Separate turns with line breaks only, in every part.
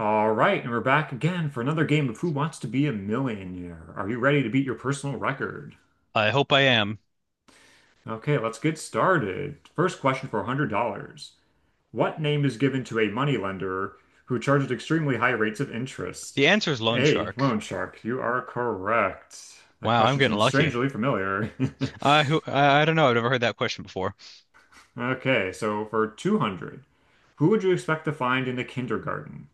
All right, and we're back again for another game of Who Wants to Be a Millionaire? Are you ready to beat your personal record?
I hope I am.
Okay, let's get started. First question for $100. What name is given to a moneylender who charges extremely high rates of interest?
The answer is loan
A.
shark.
Loan shark. You are correct. That
Wow, I'm
question
getting
seems
lucky.
strangely familiar.
I don't know. I've never heard that question before.
Okay, so for 200, who would you expect to find in the kindergarten?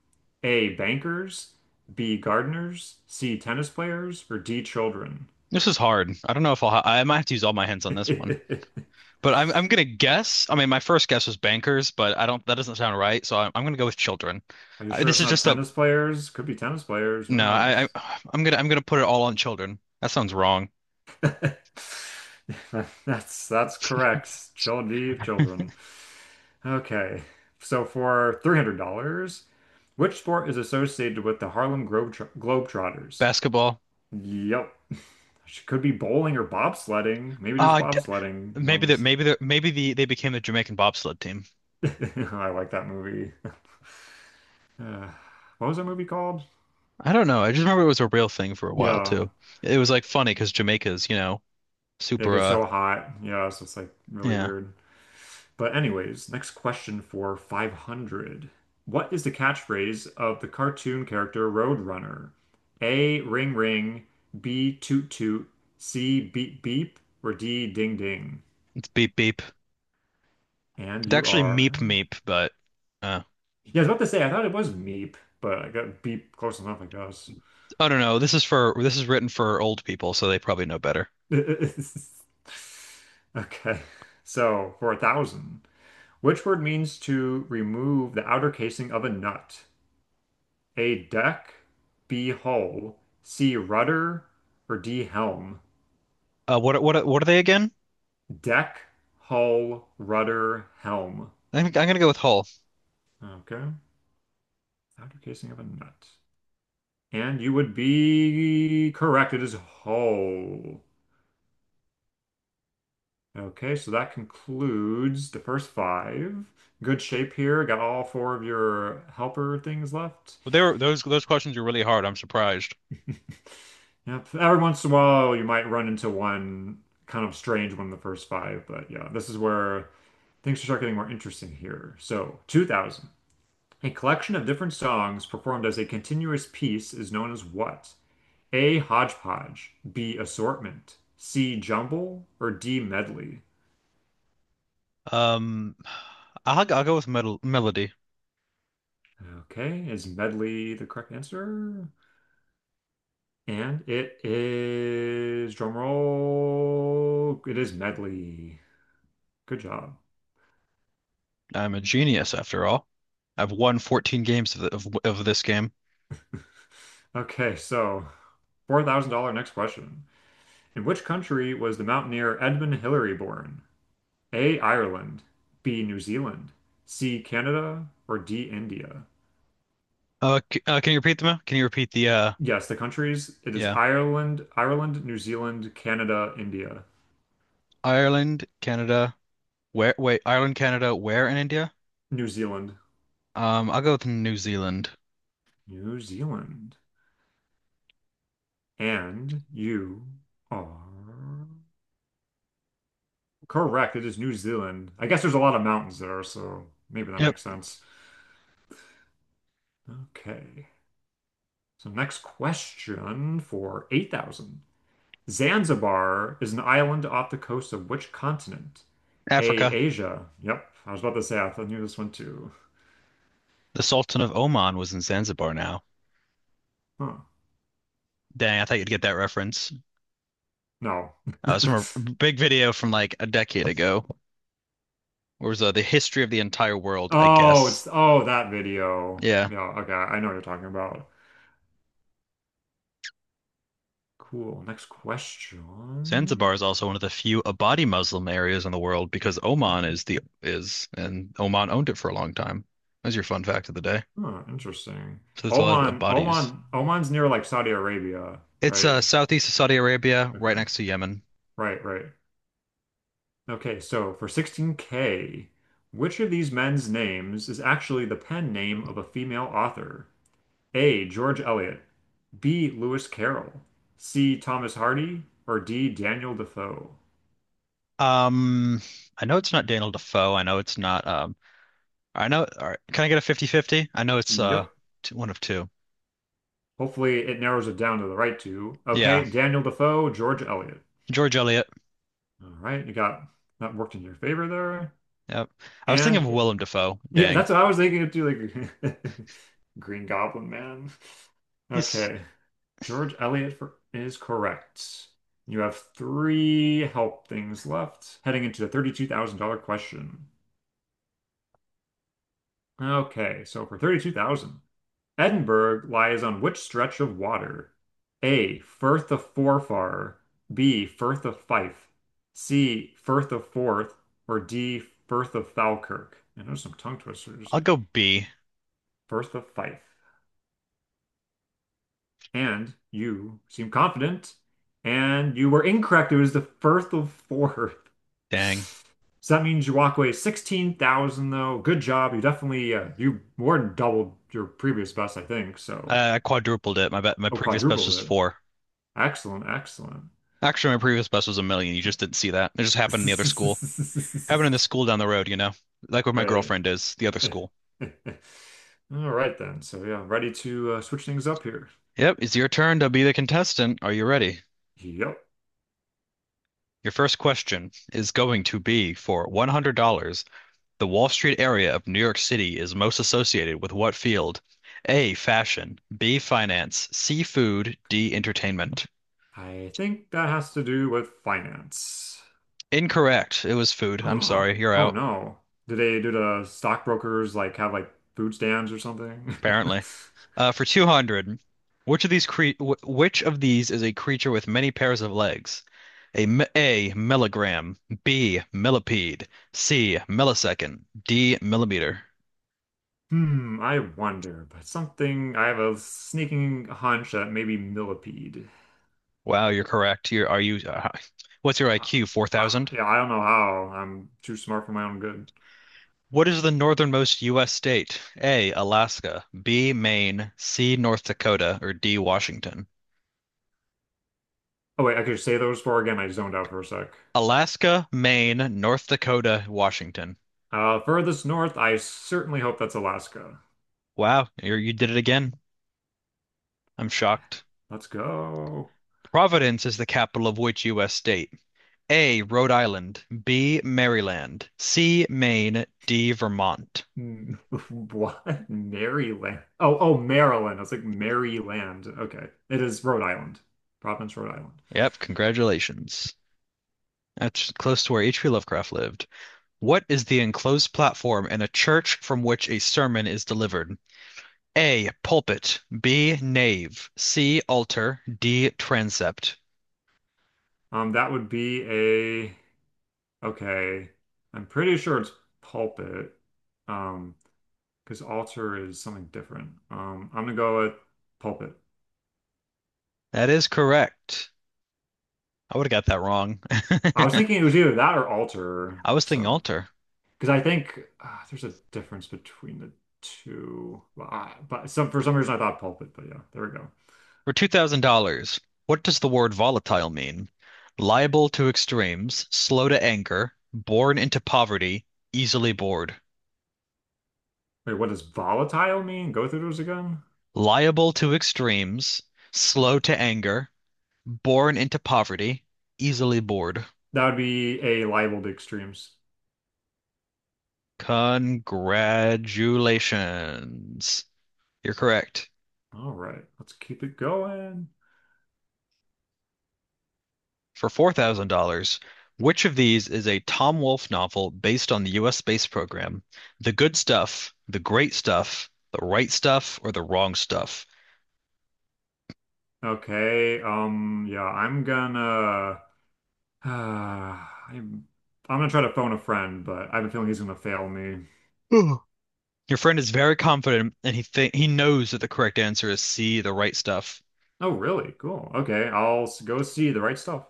A. Bankers, B. Gardeners, C. Tennis players, or D. Children?
This is hard. I don't know if I'll ha I might have to use all my hands on this one.
Are
But I'm gonna guess. I mean, my first guess was bankers, but I don't. That doesn't sound right. So I'm gonna go with children.
you sure
This
it's
is
not
just a
tennis players? Could be tennis players, who
no. I,
knows?
I I'm gonna put it all on children. That sounds wrong.
That's correct. Children, children. Okay, so for $300, which sport is associated with the Harlem Globetrotters?
Basketball.
Yep. She could be bowling or bobsledding. Maybe there's
Uh, d-
bobsledding
Maybe that
ones.
maybe that maybe the they became the Jamaican bobsled team.
I like that movie. Uh, what was that movie called?
I don't know. I just remember it was a real thing for a while
Yeah.
too. It was like funny because Jamaica's, you know,
Yeah, it
super
gets so hot. Yeah, so it's like really
yeah,
weird. But anyways, next question for 500. What is the catchphrase of the cartoon character Roadrunner? A, ring ring, B, toot toot, C, beep beep, or D, ding ding.
it's beep beep.
And
It's
you
actually
are.
meep meep, but uh,
Yeah, I was about to say, I thought it was meep, but I got beep close enough, I guess.
I don't know. This is written for old people, so they probably know better.
Okay. So for a thousand, which word means to remove the outer casing of a nut? A deck, B hull, C rudder, or D helm?
What are they again?
Deck, hull, rudder, helm.
I think I'm gonna go with Hull.
Okay. Outer casing of a nut. And you would be correct. It is hull. Okay, so that concludes the first five. Good shape here. Got all four of your helper things left.
They were those questions are really hard. I'm surprised.
Yep. Every once in a while, you might run into one kind of strange one in the first five, but yeah, this is where things start getting more interesting here. So, 2,000. A collection of different songs performed as a continuous piece is known as what? A. Hodgepodge, B. Assortment, C. Jumble, or D. Medley?
Um, I'll go with Melody.
Okay, is medley the correct answer? And it is drum roll. It is medley. Good job.
I'm a genius after all. I've won 14 games of of this game.
Okay, so $4,000 next question. In which country was the mountaineer Edmund Hillary born? A. Ireland, B. New Zealand, C. Canada, or D. India?
C can you repeat them? Can you repeat the
Yes, the countries. It is
yeah.
Ireland, New Zealand, Canada, India.
Ireland, Canada, where Ireland, Canada, where in India?
New Zealand.
I'll go with New Zealand.
New Zealand. And you are correct. It is New Zealand. I guess there's a lot of mountains there, so maybe that
Yep,
makes sense. Okay. So next question for 8,000. Zanzibar is an island off the coast of which continent? A,
Africa.
Asia. Yep. I was about to say I thought I knew this one too.
The Sultan of Oman was in Zanzibar now.
Huh.
Dang, I thought you'd get that reference.
No.
It's from a big video from like a decade ago. Where was the history of the entire world, I
Oh,
guess.
it's oh that video.
Yeah.
Yeah, okay. I know what you're talking about. Cool. Next question.
Zanzibar is also one of the few Abadi Muslim areas in the world because Oman is the is and Oman owned it for a long time. That's your fun fact of the day.
Oh, interesting.
So there's a lot of
Oman,
Abadis.
Oman, Oman's near like Saudi Arabia,
It's
right?
southeast of Saudi Arabia, right
Okay.
next to Yemen.
Right, right. Okay, so for 16K, which of these men's names is actually the pen name of a female author? A. George Eliot, B. Lewis Carroll, C. Thomas Hardy, or D. Daniel Defoe?
Um, I know it's not Daniel Defoe. I know it's not. I know. All right, can I get a fifty-fifty? I know it's
Yep.
two, one of two.
Hopefully it narrows it down to the right two.
Yeah,
Okay, Daniel Defoe, George Eliot.
George Eliot.
All right, you got that worked in your favor there.
Yep. I was thinking of
And
Willem Dafoe.
Yeah,
Dang.
that's what I was thinking of too, like Green Goblin Man.
He's.
Okay. George Eliot is correct. You have three help things left, heading into the $32,000 question. Okay, so for 32,000, Edinburgh lies on which stretch of water? A. Firth of Forfar, B. Firth of Fife, C. Firth of Forth, or D. Firth of Falkirk. I know some tongue twisters.
I'll go B.
Firth of Fife. And you seem confident, and you were incorrect. It was the Firth of Forth.
Dang.
So that means you walk away 16,000 though. Good job. You more than doubled your previous best, I think. So,
I quadrupled it. My bet. My
oh,
previous best
quadrupled
was
it.
four.
Excellent, excellent.
Actually, my previous best was a million. You just didn't see that. It just happened in the other school. Happened in the school down the road. You know, like where my
Great.
girlfriend is. The other school.
All right then. So yeah, ready to switch things up here.
Yep. It's your turn to be the contestant. Are you ready?
Yep.
Your first question is going to be for $100. The Wall Street area of New York City is most associated with what field? A, fashion, B, finance, C, food, D, entertainment.
I think that has to do with finance.
Incorrect. It was food. I'm sorry. You're
Oh
out,
no. Do they do the stockbrokers like have like food stands or something?
apparently. For 200, which of these is a creature with many pairs of legs? A, milligram, B, millipede, C, millisecond, D, millimeter.
Hmm, I wonder, but something I have a sneaking hunch that maybe millipede.
Wow, you're correct. What's your
Uh,
IQ? 4,000?
yeah, I don't know how. I'm too smart for my own good.
What is the northernmost U.S. state? A, Alaska, B, Maine, C, North Dakota, or D, Washington?
Oh wait, I could say those four again. I zoned out for a sec.
Alaska, Maine, North Dakota, Washington.
Furthest north, I certainly hope that's Alaska.
Wow, you did it again. I'm shocked.
Let's go.
Providence is the capital of which U.S. state? A, Rhode Island, B, Maryland, C, Maine, D, Vermont.
Mm, What? Maryland. Oh, oh, Maryland. I was like Maryland. Okay. It is Rhode Island. Province, Rhode Island.
Yep, congratulations. That's close to where H.P. Lovecraft lived. What is the enclosed platform in a church from which a sermon is delivered? A, pulpit. B, nave. C, altar. D, transept.
That would be a, okay. I'm pretty sure it's pulpit. Um, because altar is something different. I'm gonna go with pulpit.
That is correct. I would have got that wrong.
I was thinking it was either that or altar.
I was thinking
So,
altar.
because I think there's a difference between the two. Well, but some for some reason I thought pulpit, but yeah, there we go.
For $2,000, what does the word volatile mean? Liable to extremes, slow to anger, born into poverty, easily bored.
Wait, what does volatile mean? Go through those again?
Liable to extremes,
Okay.
slow to anger, born into poverty, easily bored.
That would be a liable to extremes.
Congratulations. You're correct.
All right, let's keep it going.
For $4,000, which of these is a Tom Wolfe novel based on the US space program? The Good Stuff, The Great Stuff, The Right Stuff, or The Wrong Stuff?
Okay, yeah, I'm gonna I'm I'm gonna try to phone a friend, but I have a feeling he's gonna fail me.
Ugh. Your friend is very confident and he knows that the correct answer is C, the right stuff.
Oh, really? Cool. Okay, I'll go see the right stuff.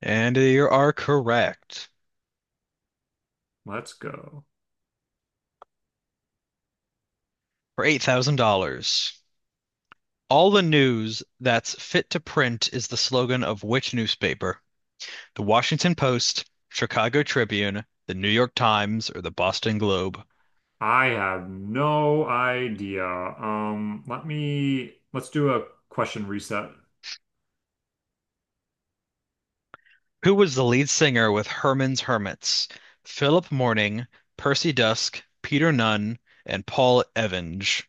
And you are correct
Let's go.
for $8,000. All the news that's fit to print is the slogan of which newspaper? The Washington Post, Chicago Tribune, the New York Times, or the Boston Globe.
I have no idea. Let's do a question reset.
Who was the lead singer with Herman's Hermits? Philip Morning, Percy Dusk, Peter Nunn, and Paul Evans.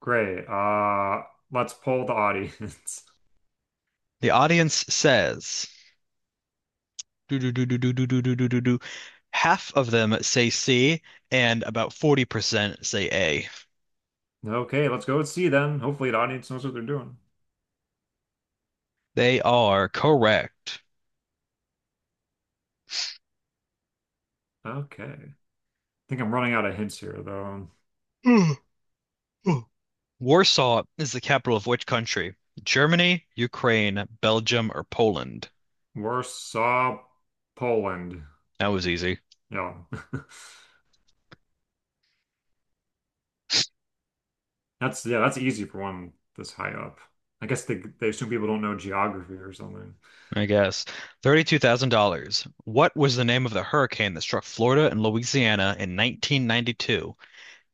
Great. Let's poll the audience.
The audience says do do do do do do do do do do. Half of them say C, and about 40% say A.
Okay, let's go and see then. Hopefully the audience knows what they're doing.
They are correct.
Okay. I think I'm running out of hints here though.
Warsaw is the capital of which country? Germany, Ukraine, Belgium, or Poland?
Warsaw, Poland.
That was easy,
Yeah. That's yeah, that's easy for one this high up. I guess they assume people don't know geography or something.
I guess. $32,000. What was the name of the hurricane that struck Florida and Louisiana in 1992?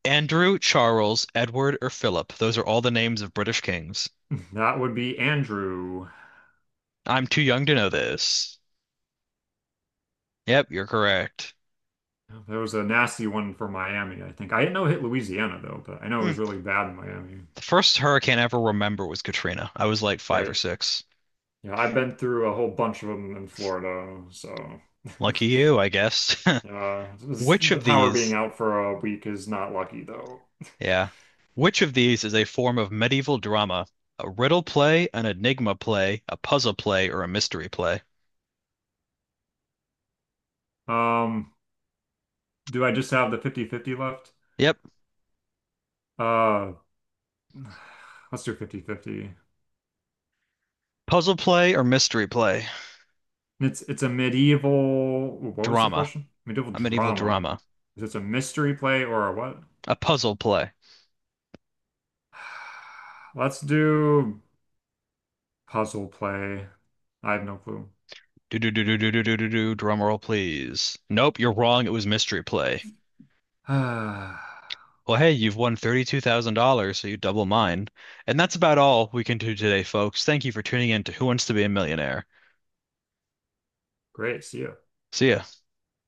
Andrew, Charles, Edward, or Philip? Those are all the names of British kings.
That would be Andrew.
I'm too young to know this. Yep, you're correct.
That was a nasty one for Miami, I think. I didn't know it hit Louisiana though, but I know it
Hmm.
was really bad in Miami.
The first hurricane I ever remember was Katrina. I was like five or
Right.
six.
Yeah, I've been through a whole bunch of them in Florida, so
Lucky you, I guess.
Uh, this-
Which
the
of
power being
these,
out for a week is not lucky though.
yeah, which of these is a form of medieval drama? A riddle play, an enigma play, a puzzle play, or a mystery play?
Um, do I just have the fifty-fifty left?
Yep.
Uh, let's do fifty-fifty.
Puzzle play or mystery play?
It's a medieval, ooh, what was the
Drama.
question? Medieval
A medieval
drama.
drama.
Is it a mystery play or a what?
A puzzle play.
Let's do puzzle play. I have no clue.
Do do do do do do do do do. Drum roll, please. Nope, you're wrong. It was mystery play. Well, hey, you've won $32,000, so you double mine. And that's about all we can do today, folks. Thank you for tuning in to Who Wants to Be a Millionaire.
Great, see ya.
See ya.